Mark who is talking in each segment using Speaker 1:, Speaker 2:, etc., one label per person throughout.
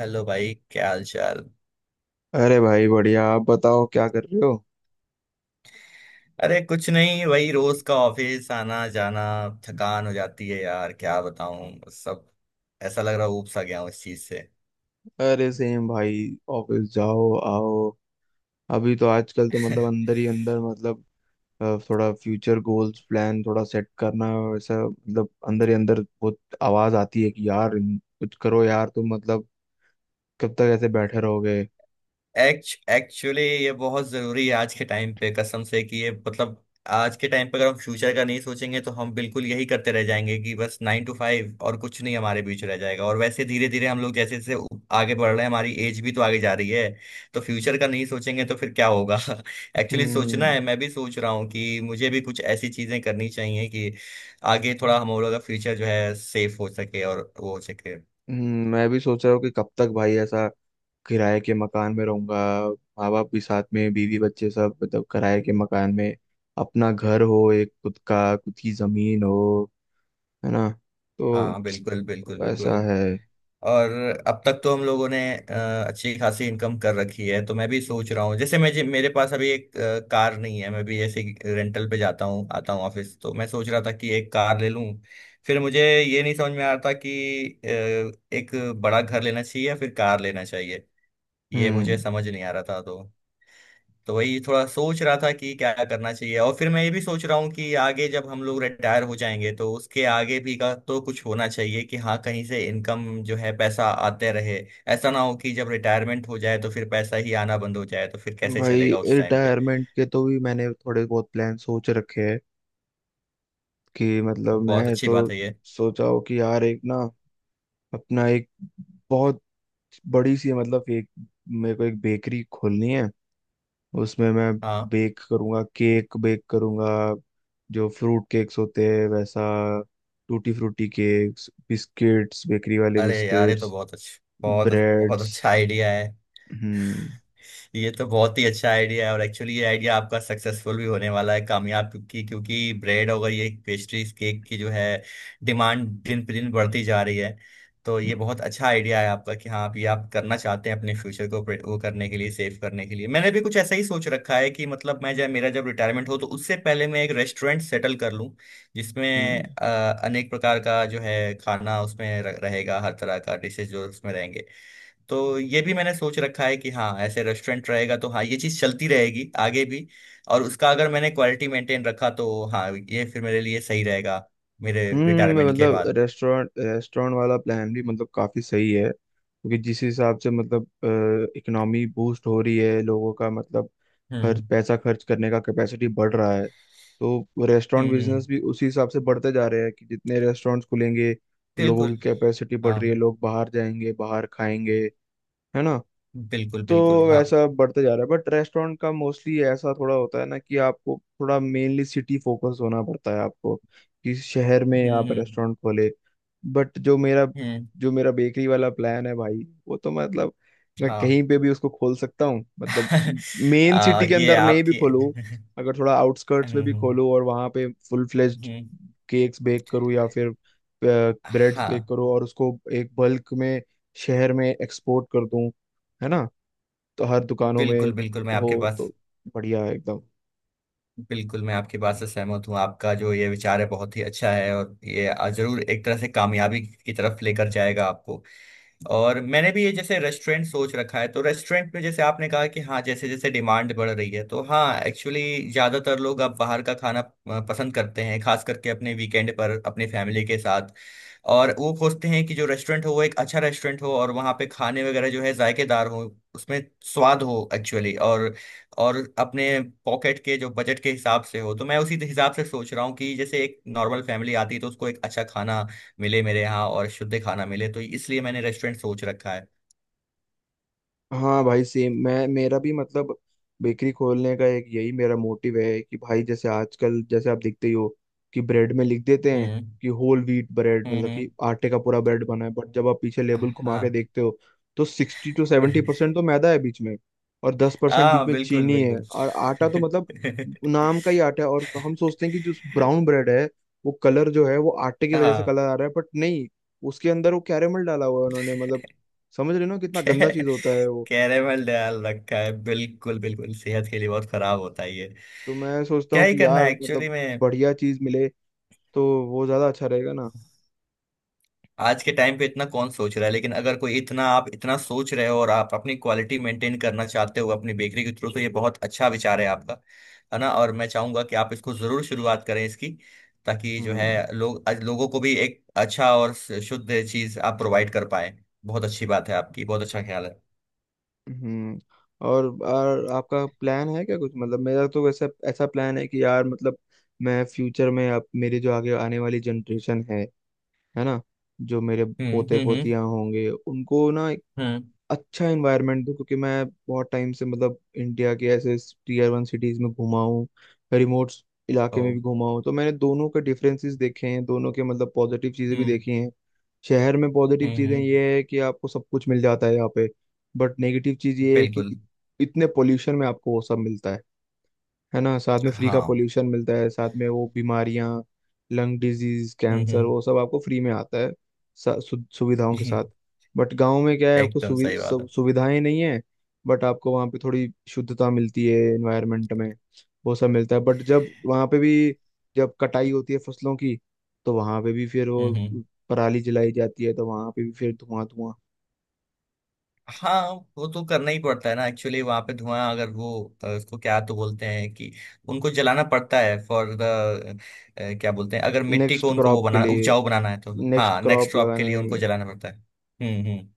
Speaker 1: Hello भाई, क्या हाल चाल।
Speaker 2: अरे भाई बढ़िया। आप बताओ क्या कर रहे हो?
Speaker 1: अरे कुछ नहीं, वही रोज का ऑफिस आना जाना। थकान हो जाती है यार, क्या बताऊं। सब ऐसा लग रहा है, ऊब सा गया हूं इस चीज से।
Speaker 2: अरे सेम भाई। ऑफिस जाओ आओ। अभी तो आजकल तो मतलब अंदर ही अंदर मतलब थोड़ा फ्यूचर गोल्स प्लान थोड़ा सेट करना वैसा मतलब अंदर ही अंदर बहुत आवाज आती है कि यार कुछ करो यार तुम मतलब कब तक ऐसे बैठे रहोगे।
Speaker 1: एक्चुअली ये बहुत जरूरी है आज के टाइम पे, कसम से, कि ये मतलब, आज के टाइम पे अगर हम फ्यूचर का नहीं सोचेंगे तो हम बिल्कुल यही करते रह जाएंगे कि बस नाइन टू फाइव और कुछ नहीं हमारे बीच रह जाएगा। और वैसे धीरे धीरे हम लोग जैसे जैसे आगे बढ़ रहे हैं, हमारी एज भी तो आगे जा रही है। तो फ्यूचर का नहीं सोचेंगे तो फिर क्या होगा। एक्चुअली सोचना
Speaker 2: हम्म।
Speaker 1: है। मैं भी सोच रहा हूँ कि मुझे भी कुछ ऐसी चीजें करनी चाहिए कि आगे थोड़ा हम लोगों का फ्यूचर जो है सेफ हो सके, और वो हो सके।
Speaker 2: मैं भी सोच रहा हूँ कि कब तक भाई ऐसा किराए के मकान में रहूंगा। माँ बाप भी साथ में, बीवी बच्चे सब मतलब किराए के मकान में। अपना घर हो एक, खुद का, खुद की जमीन हो, है ना? तो
Speaker 1: हाँ बिल्कुल बिल्कुल
Speaker 2: वैसा
Speaker 1: बिल्कुल।
Speaker 2: है।
Speaker 1: और अब तक तो हम लोगों ने अच्छी खासी इनकम कर रखी है, तो मैं भी सोच रहा हूँ जैसे मैं मेरे पास अभी एक कार नहीं है, मैं भी ऐसे ही रेंटल पे जाता हूँ आता हूँ ऑफिस। तो मैं सोच रहा था कि एक कार ले लूँ। फिर मुझे ये नहीं समझ में आ रहा था कि एक बड़ा घर लेना चाहिए या फिर कार लेना चाहिए। ये मुझे
Speaker 2: हम्म।
Speaker 1: समझ नहीं आ रहा था। तो वही थोड़ा सोच रहा था कि क्या करना चाहिए। और फिर मैं ये भी सोच रहा हूँ कि आगे जब हम लोग रिटायर हो जाएंगे तो उसके आगे भी का तो कुछ होना चाहिए कि हाँ, कहीं से इनकम जो है पैसा आते रहे। ऐसा ना हो कि जब रिटायरमेंट हो जाए तो फिर पैसा ही आना बंद हो जाए, तो फिर कैसे
Speaker 2: भाई
Speaker 1: चलेगा उस टाइम पे।
Speaker 2: रिटायरमेंट के तो भी मैंने थोड़े बहुत प्लान सोच रखे हैं कि मतलब
Speaker 1: बहुत
Speaker 2: मैं
Speaker 1: अच्छी
Speaker 2: तो
Speaker 1: बात है ये।
Speaker 2: सोचा हूँ कि यार एक ना अपना एक बहुत बड़ी सी मतलब एक, मेरे को एक बेकरी खोलनी है। उसमें मैं
Speaker 1: हाँ।
Speaker 2: बेक करूंगा, केक बेक करूंगा, जो फ्रूट केक्स होते हैं वैसा, tutti frutti cakes, biscuits, bakery वाले
Speaker 1: अरे यार, ये तो
Speaker 2: बिस्किट्स,
Speaker 1: बहुत अच्छा, बहुत बहुत
Speaker 2: ब्रेड्स।
Speaker 1: अच्छा आइडिया है।
Speaker 2: हम्म।
Speaker 1: ये तो बहुत ही अच्छा आइडिया है, और एक्चुअली ये आइडिया आपका सक्सेसफुल भी होने वाला है, कामयाब, क्योंकि क्योंकि ब्रेड और ये पेस्ट्रीज केक की जो है डिमांड दिन पे दिन बढ़ती जा रही है। तो ये बहुत अच्छा आइडिया है आपका कि हाँ, आप ये आप करना चाहते हैं, अपने फ्यूचर को वो करने के लिए, सेव करने के लिए। मैंने भी कुछ ऐसा ही सोच रखा है कि मतलब मैं जब मेरा जब रिटायरमेंट हो तो उससे पहले मैं एक रेस्टोरेंट सेटल कर लूँ, जिसमें
Speaker 2: हम्म।
Speaker 1: अ, अनेक प्रकार का जो है खाना उसमें रहेगा, हर तरह का डिशेज जो उसमें रहेंगे। तो ये भी मैंने सोच रखा है कि हाँ, ऐसे रेस्टोरेंट रहेगा तो हाँ ये चीज़ चलती रहेगी आगे भी। और उसका अगर मैंने क्वालिटी मेंटेन रखा तो हाँ, ये फिर मेरे लिए सही रहेगा, मेरे
Speaker 2: हम्म।
Speaker 1: रिटायरमेंट के
Speaker 2: मतलब
Speaker 1: बाद।
Speaker 2: रेस्टोरेंट रेस्टोरेंट वाला प्लान भी मतलब काफी सही है क्योंकि जिस हिसाब से मतलब इकोनॉमी बूस्ट हो रही है, लोगों का मतलब खर्च,
Speaker 1: हम्म
Speaker 2: पैसा खर्च करने का कैपेसिटी बढ़ रहा है, तो
Speaker 1: हम्म।
Speaker 2: रेस्टोरेंट बिजनेस
Speaker 1: हम्म।
Speaker 2: भी उसी हिसाब से बढ़ते जा रहे हैं कि जितने रेस्टोरेंट्स खुलेंगे, लोगों की
Speaker 1: बिल्कुल।
Speaker 2: कैपेसिटी बढ़
Speaker 1: हाँ
Speaker 2: रही है, लोग बाहर जाएंगे, बाहर खाएंगे, है ना?
Speaker 1: बिल्कुल
Speaker 2: तो
Speaker 1: बिल्कुल। हाँ।
Speaker 2: वैसा बढ़ते जा रहा है। बट रेस्टोरेंट का मोस्टली ऐसा थोड़ा होता है ना कि आपको थोड़ा मेनली सिटी फोकस होना पड़ता है आपको, कि शहर में आप
Speaker 1: हम्म।
Speaker 2: रेस्टोरेंट खोले। बट जो मेरा
Speaker 1: हम्म,
Speaker 2: जो मेरा बेकरी वाला प्लान है भाई, वो तो मतलब मैं
Speaker 1: हाँ।
Speaker 2: कहीं पे भी उसको खोल सकता हूँ। मतलब मेन सिटी के
Speaker 1: ये
Speaker 2: अंदर नहीं भी
Speaker 1: आपकी।
Speaker 2: खोलूँ, अगर थोड़ा आउटस्कर्ट्स में भी
Speaker 1: हम्म।
Speaker 2: खोलूँ और वहाँ पे फुल फ्लेज्ड
Speaker 1: हम्म,
Speaker 2: केक्स बेक करूँ या फिर ब्रेड्स बेक
Speaker 1: हाँ।
Speaker 2: करूँ और उसको एक बल्क में शहर में एक्सपोर्ट कर दूँ, है ना? तो हर दुकानों में
Speaker 1: बिल्कुल बिल्कुल, मैं
Speaker 2: हो,
Speaker 1: आपके पास।
Speaker 2: तो बढ़िया है एकदम।
Speaker 1: बिल्कुल, मैं आपकी बात से सहमत हूँ। आपका जो ये विचार है बहुत ही अच्छा है, और ये जरूर एक तरह से कामयाबी की तरफ लेकर जाएगा आपको। और मैंने भी ये जैसे रेस्टोरेंट सोच रखा है, तो रेस्टोरेंट में जैसे आपने कहा कि हाँ, जैसे जैसे डिमांड बढ़ रही है तो हाँ, एक्चुअली ज्यादातर लोग अब बाहर का खाना पसंद करते हैं, खास करके अपने वीकेंड पर, अपनी फैमिली के साथ। और वो खोजते हैं कि जो रेस्टोरेंट हो वो एक अच्छा रेस्टोरेंट हो, और वहाँ पे खाने वगैरह जो है जायकेदार हो, उसमें स्वाद हो एक्चुअली। और अपने पॉकेट के जो बजट के हिसाब से हो। तो मैं उसी हिसाब से सोच रहा हूँ कि जैसे एक नॉर्मल फैमिली आती है तो उसको एक अच्छा खाना मिले मेरे यहाँ, और शुद्ध खाना मिले, तो इसलिए मैंने रेस्टोरेंट सोच रखा है।
Speaker 2: हाँ भाई सेम। मैं, मेरा भी मतलब बेकरी खोलने का एक यही मेरा मोटिव है कि भाई जैसे आजकल, जैसे आप देखते ही हो कि ब्रेड में लिख देते हैं
Speaker 1: हम्म
Speaker 2: कि होल व्हीट ब्रेड,
Speaker 1: हम्म।
Speaker 2: मतलब कि आटे का पूरा ब्रेड बना है। बट जब आप पीछे लेबल घुमा
Speaker 1: हाँ।
Speaker 2: के देखते हो तो सिक्सटी टू सेवेंटी परसेंट तो मैदा है बीच में, और 10% बीच
Speaker 1: हाँ
Speaker 2: में
Speaker 1: बिल्कुल
Speaker 2: चीनी है,
Speaker 1: बिल्कुल।
Speaker 2: और आटा तो मतलब नाम का ही आटा है। और हम सोचते हैं कि जो ब्राउन ब्रेड है वो कलर जो है वो आटे की वजह से
Speaker 1: हाँ।
Speaker 2: कलर आ रहा है, बट नहीं, उसके अंदर वो कैरेमल डाला हुआ है उन्होंने, मतलब समझ रहे हो ना कितना गंदा
Speaker 1: कै-
Speaker 2: चीज होता है वो।
Speaker 1: कैरेमल डाल रखा है, बिल्कुल बिल्कुल, सेहत के लिए बहुत खराब होता है ये।
Speaker 2: तो मैं सोचता
Speaker 1: क्या
Speaker 2: हूँ
Speaker 1: ही
Speaker 2: कि
Speaker 1: करना
Speaker 2: यार
Speaker 1: है एक्चुअली
Speaker 2: मतलब
Speaker 1: में।
Speaker 2: बढ़िया चीज मिले तो वो ज्यादा अच्छा रहेगा ना।
Speaker 1: आज के टाइम पे इतना कौन सोच रहा है, लेकिन अगर कोई इतना, आप इतना सोच रहे हो और आप अपनी क्वालिटी मेंटेन करना चाहते हो अपनी बेकरी के थ्रू, तो ये बहुत अच्छा विचार है आपका। है ना। और मैं चाहूंगा कि आप इसको जरूर शुरुआत करें इसकी, ताकि जो है
Speaker 2: हम्म।
Speaker 1: लोग आज लोगों को भी एक अच्छा और शुद्ध चीज आप प्रोवाइड कर पाए। बहुत अच्छी बात है आपकी, बहुत अच्छा ख्याल है।
Speaker 2: हम्म। और आपका प्लान है क्या कुछ? मतलब मेरा तो वैसा ऐसा प्लान है कि यार मतलब मैं फ्यूचर में, अब मेरे जो आगे आने वाली जनरेशन है ना, जो मेरे पोते
Speaker 1: हम्म।
Speaker 2: पोतियां होंगे, उनको ना एक
Speaker 1: हम्म।
Speaker 2: अच्छा एनवायरनमेंट दूं। क्योंकि मैं बहुत टाइम से मतलब इंडिया के ऐसे टीयर वन सिटीज में घुमा हूँ, रिमोट
Speaker 1: ओ।
Speaker 2: इलाके में भी घुमा हूँ। तो मैंने दोनों के डिफरेंसेस देखे हैं, दोनों के मतलब पॉजिटिव चीजें भी
Speaker 1: हम्म
Speaker 2: देखी हैं। शहर में पॉजिटिव
Speaker 1: हम्म।
Speaker 2: चीजें
Speaker 1: हम्म,
Speaker 2: ये है कि आपको सब कुछ मिल जाता है यहाँ पे। बट नेगेटिव चीज ये है कि
Speaker 1: बिल्कुल।
Speaker 2: इतने पोल्यूशन में आपको वो सब मिलता है ना, साथ में फ्री का
Speaker 1: हाँ।
Speaker 2: पोल्यूशन मिलता है, साथ में वो बीमारियां, लंग डिजीज, कैंसर
Speaker 1: हम्म
Speaker 2: वो सब आपको फ्री में आता है सुविधाओं के
Speaker 1: हम्म।
Speaker 2: साथ। बट गांव में क्या है, आपको
Speaker 1: एकदम सही बात है।
Speaker 2: सुविधाएं नहीं है, बट आपको वहाँ पे थोड़ी शुद्धता मिलती है एनवायरनमेंट में, वो सब मिलता है। बट जब वहाँ पे भी, जब कटाई होती है फसलों की, तो वहाँ पे भी फिर वो
Speaker 1: हम्म।
Speaker 2: पराली जलाई जाती है, तो वहाँ पे भी फिर धुआं धुआं।
Speaker 1: हाँ। वो तो करना ही पड़ता है ना एक्चुअली, वहां पे धुआं अगर वो उसको क्या तो बोलते हैं कि उनको जलाना पड़ता है, फॉर द, क्या बोलते हैं, अगर मिट्टी को
Speaker 2: नेक्स्ट
Speaker 1: उनको वो
Speaker 2: क्रॉप के
Speaker 1: बनाना,
Speaker 2: लिए,
Speaker 1: उपजाऊ बनाना है तो
Speaker 2: नेक्स्ट
Speaker 1: हाँ, नेक्स्ट
Speaker 2: क्रॉप
Speaker 1: क्रॉप के
Speaker 2: लगाने
Speaker 1: लिए
Speaker 2: के
Speaker 1: उनको
Speaker 2: लिए।
Speaker 1: जलाना पड़ता है। हम्म।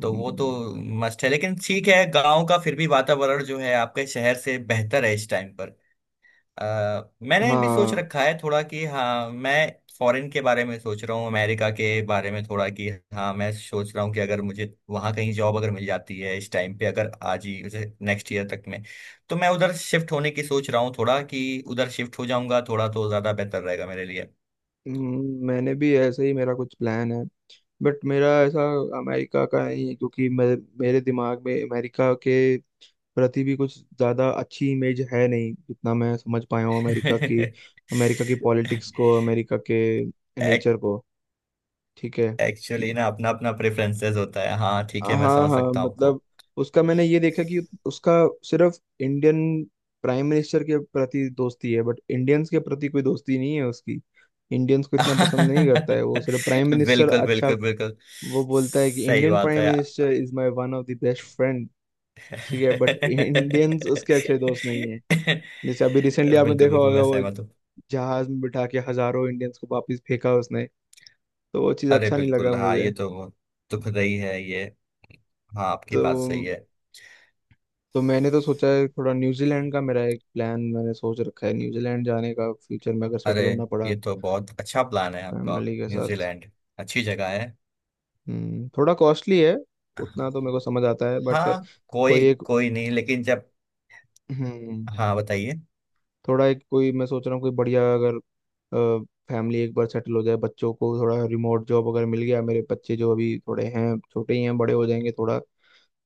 Speaker 1: तो वो तो मस्ट है, लेकिन ठीक है, गांव का फिर भी वातावरण जो है आपके शहर से बेहतर है इस टाइम पर। अ, मैंने भी सोच
Speaker 2: हाँ।
Speaker 1: रखा है थोड़ा कि हाँ, मैं फॉरेन के बारे में सोच रहा हूँ, अमेरिका के बारे में थोड़ा कि हाँ, मैं सोच रहा हूँ कि अगर मुझे वहाँ कहीं जॉब अगर मिल जाती है इस टाइम पे, अगर आज ही जैसे नेक्स्ट ईयर तक में, तो मैं उधर शिफ्ट होने की सोच रहा हूँ थोड़ा कि उधर शिफ्ट हो जाऊंगा, थोड़ा तो ज़्यादा बेहतर रहेगा मेरे लिए।
Speaker 2: मैंने भी ऐसे ही मेरा कुछ प्लान है, बट मेरा ऐसा अमेरिका का नहीं है क्योंकि मैं, मेरे दिमाग में अमेरिका के प्रति भी कुछ ज़्यादा अच्छी इमेज है नहीं, जितना मैं समझ पाया हूँ अमेरिका की, अमेरिका की पॉलिटिक्स को, अमेरिका के नेचर को। ठीक है कि
Speaker 1: एक्चुअली ना, अपना अपना प्रेफरेंसेस होता है, हाँ ठीक है, मैं
Speaker 2: हाँ
Speaker 1: समझ
Speaker 2: हाँ,
Speaker 1: सकता हूँ।
Speaker 2: मतलब उसका मैंने ये देखा कि उसका सिर्फ इंडियन प्राइम मिनिस्टर के प्रति दोस्ती है, बट इंडियंस के प्रति कोई दोस्ती नहीं है उसकी, इंडियंस को इतना पसंद नहीं करता है वो, सिर्फ प्राइम मिनिस्टर
Speaker 1: बिल्कुल
Speaker 2: अच्छा।
Speaker 1: बिल्कुल बिल्कुल।
Speaker 2: वो बोलता है कि
Speaker 1: सही
Speaker 2: इंडियन
Speaker 1: बात है
Speaker 2: प्राइम
Speaker 1: यार।
Speaker 2: Minister is my one of the best friend. ठीक है, बट इंडियंस उसके अच्छे दोस्त नहीं है। जैसे अभी रिसेंटली आपने
Speaker 1: बिल्कुल
Speaker 2: देखा
Speaker 1: बिल्कुल,
Speaker 2: होगा
Speaker 1: मैं
Speaker 2: वो
Speaker 1: सहमत हूँ।
Speaker 2: जहाज में बिठा के हजारों इंडियंस को वापस फेंका उसने। तो वो चीज़
Speaker 1: अरे
Speaker 2: अच्छा नहीं लगा
Speaker 1: बिल्कुल, हाँ,
Speaker 2: मुझे।
Speaker 1: ये तो बहुत दुख रही है ये। हाँ, आपकी
Speaker 2: तो
Speaker 1: बात सही है।
Speaker 2: तो मैंने तो सोचा है थोड़ा न्यूजीलैंड का, मेरा एक प्लान मैंने सोच रखा है न्यूजीलैंड जाने का फ्यूचर में, अगर
Speaker 1: अरे,
Speaker 2: सेटल होना पड़ा
Speaker 1: ये तो बहुत अच्छा प्लान है आपका।
Speaker 2: फैमिली के साथ।
Speaker 1: न्यूजीलैंड अच्छी जगह है।
Speaker 2: थोड़ा कॉस्टली है उतना तो मेरे को समझ आता है, बट
Speaker 1: हाँ,
Speaker 2: कोई
Speaker 1: कोई
Speaker 2: एक,
Speaker 1: कोई नहीं, लेकिन जब,
Speaker 2: हम्म,
Speaker 1: हाँ बताइए।
Speaker 2: थोड़ा एक कोई मैं सोच रहा हूँ, कोई बढ़िया अगर फैमिली एक बार सेटल हो जाए, बच्चों को थोड़ा रिमोट जॉब अगर मिल गया, मेरे बच्चे जो अभी थोड़े हैं छोटे ही हैं, बड़े हो जाएंगे थोड़ा,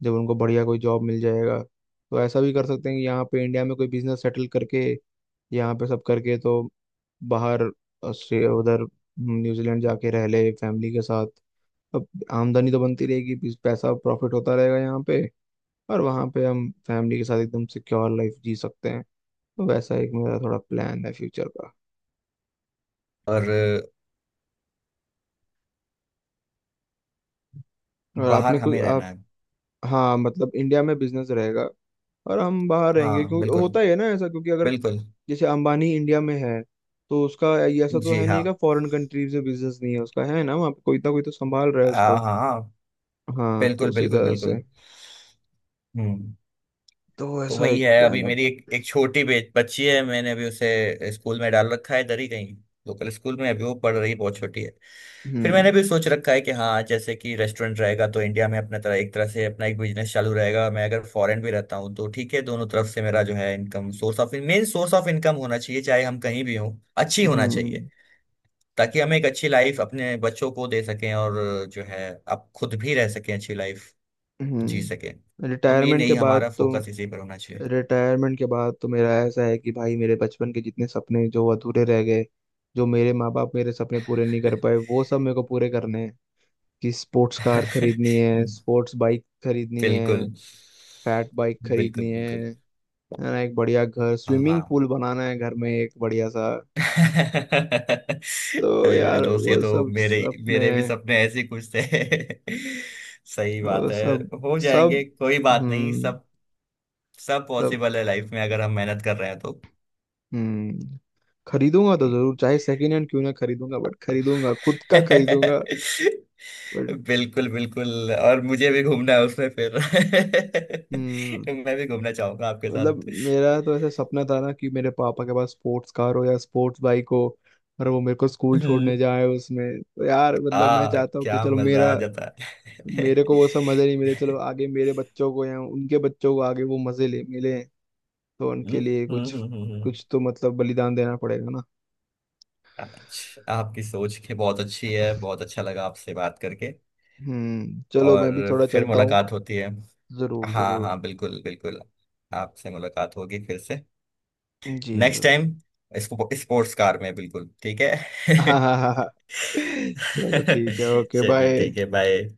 Speaker 2: जब उनको बढ़िया कोई जॉब मिल जाएगा, तो ऐसा भी कर सकते हैं कि यहाँ पे इंडिया में कोई बिजनेस सेटल करके यहाँ पे सब करके तो बाहर ऑस्ट्रेलिया उधर न्यूजीलैंड जाके रह ले फैमिली के साथ। अब आमदनी तो बनती रहेगी, पैसा प्रॉफिट होता रहेगा यहाँ पे, और वहाँ पे हम फैमिली के साथ एकदम सिक्योर लाइफ जी सकते हैं। तो वैसा एक मेरा थोड़ा प्लान है फ्यूचर का।
Speaker 1: और
Speaker 2: और
Speaker 1: बाहर
Speaker 2: आपने कोई
Speaker 1: हमें
Speaker 2: आप,
Speaker 1: रहना है।
Speaker 2: हाँ मतलब इंडिया में बिजनेस रहेगा और हम बाहर रहेंगे
Speaker 1: हाँ
Speaker 2: क्योंकि
Speaker 1: बिल्कुल
Speaker 2: होता ही है ना ऐसा, क्योंकि अगर
Speaker 1: बिल्कुल।
Speaker 2: जैसे अंबानी इंडिया में है, तो उसका ये ऐसा तो
Speaker 1: जी
Speaker 2: है
Speaker 1: हाँ।
Speaker 2: नहीं का फॉरेन कंट्रीज में बिजनेस नहीं है उसका, है ना, वहाँ पे कोई ना कोई तो संभाल रहा है
Speaker 1: हाँ
Speaker 2: उसको।
Speaker 1: हाँ हाँ।
Speaker 2: हाँ तो
Speaker 1: बिल्कुल
Speaker 2: उसी
Speaker 1: बिल्कुल
Speaker 2: तरह से
Speaker 1: बिल्कुल। हम्म।
Speaker 2: तो
Speaker 1: तो
Speaker 2: ऐसा
Speaker 1: वही
Speaker 2: एक
Speaker 1: है, अभी
Speaker 2: प्लान अब।
Speaker 1: मेरी एक एक छोटी बच्ची है, मैंने अभी उसे स्कूल में डाल रखा है इधर ही कहीं, लोकल स्कूल में। अभी वो पढ़ रही, बहुत छोटी है। फिर मैंने
Speaker 2: हम्म।
Speaker 1: भी सोच रखा है कि हाँ, जैसे कि रेस्टोरेंट रहेगा तो इंडिया में अपना तरह, एक तरह से अपना एक बिजनेस चालू रहेगा। मैं अगर फॉरेन भी रहता हूँ तो ठीक है, दोनों तरफ से मेरा जो है income source of, main source of income होना चाहिए, चाहे हम कहीं भी हों। अच्छी होना चाहिए,
Speaker 2: हम्म।
Speaker 1: ताकि हम एक अच्छी लाइफ अपने बच्चों को दे सकें, और जो है आप खुद भी रह सकें, अच्छी लाइफ जी सके।
Speaker 2: हम्म।
Speaker 1: तो मेन
Speaker 2: रिटायरमेंट के
Speaker 1: यही
Speaker 2: बाद
Speaker 1: हमारा
Speaker 2: तो,
Speaker 1: फोकस इसी पर होना चाहिए।
Speaker 2: रिटायरमेंट के बाद तो मेरा ऐसा है कि भाई मेरे बचपन के जितने सपने जो अधूरे रह गए, जो मेरे माँ बाप मेरे सपने पूरे नहीं कर पाए, वो सब मेरे को पूरे करने हैं। कि स्पोर्ट्स कार खरीदनी है, स्पोर्ट्स बाइक खरीदनी
Speaker 1: बिल्कुल
Speaker 2: है, फैट बाइक
Speaker 1: बिल्कुल
Speaker 2: खरीदनी है
Speaker 1: बिल्कुल।
Speaker 2: है ना, एक बढ़िया घर, स्विमिंग
Speaker 1: हाँ।
Speaker 2: पूल बनाना है घर में एक बढ़िया सा।
Speaker 1: अरे
Speaker 2: तो
Speaker 1: मेरे
Speaker 2: यार
Speaker 1: दोस्त, ये
Speaker 2: वो
Speaker 1: तो
Speaker 2: सब
Speaker 1: मेरे,
Speaker 2: अपने
Speaker 1: मेरे भी सपने ऐसे ही कुछ थे। सही
Speaker 2: वो
Speaker 1: बात है।
Speaker 2: सब।
Speaker 1: हो
Speaker 2: सब।
Speaker 1: जाएंगे, कोई बात नहीं,
Speaker 2: हम्म।
Speaker 1: सब सब
Speaker 2: सब।
Speaker 1: पॉसिबल है लाइफ में, अगर हम मेहनत कर रहे हैं तो।
Speaker 2: हम्म। खरीदूंगा तो
Speaker 1: हम्म।
Speaker 2: जरूर, चाहे सेकंड हैंड क्यों ना खरीदूंगा, बट खरीदूंगा खुद का खरीदूंगा। बट
Speaker 1: बिल्कुल बिल्कुल, और मुझे भी घूमना है उसमें फिर।
Speaker 2: हम्म,
Speaker 1: मैं भी घूमना चाहूंगा आपके साथ।
Speaker 2: मतलब मेरा तो ऐसा सपना था ना कि मेरे पापा के पास स्पोर्ट्स कार हो या स्पोर्ट्स बाइक हो, और वो मेरे को स्कूल
Speaker 1: हम्म,
Speaker 2: छोड़ने जाए उसमें, तो यार मतलब मैं
Speaker 1: आ
Speaker 2: चाहता हूँ कि
Speaker 1: क्या
Speaker 2: चलो
Speaker 1: मजा
Speaker 2: मेरा,
Speaker 1: आ जाता।
Speaker 2: मेरे को वो सब मजे नहीं मिले, चलो आगे मेरे बच्चों को या उनके बच्चों को आगे वो मजे ले मिले, तो
Speaker 1: हम्म,
Speaker 2: उनके लिए कुछ
Speaker 1: हम्म, हम्म, हम्म।
Speaker 2: कुछ तो मतलब बलिदान देना पड़ेगा ना।
Speaker 1: अच्छा, आपकी सोच के बहुत अच्छी है, बहुत अच्छा लगा आपसे बात करके।
Speaker 2: चलो
Speaker 1: और
Speaker 2: मैं भी थोड़ा
Speaker 1: फिर
Speaker 2: चलता हूँ।
Speaker 1: मुलाकात होती है।
Speaker 2: जरूर
Speaker 1: हाँ
Speaker 2: जरूर।
Speaker 1: हाँ बिल्कुल बिल्कुल। आपसे मुलाकात होगी फिर से,
Speaker 2: जी
Speaker 1: नेक्स्ट
Speaker 2: जरूर।
Speaker 1: टाइम, इसको स्पोर्ट्स कार में। बिल्कुल ठीक है।
Speaker 2: हाँ हाँ हाँ हाँ। चलो ठीक है ओके
Speaker 1: चलिए ठीक
Speaker 2: बाय।
Speaker 1: है, बाय।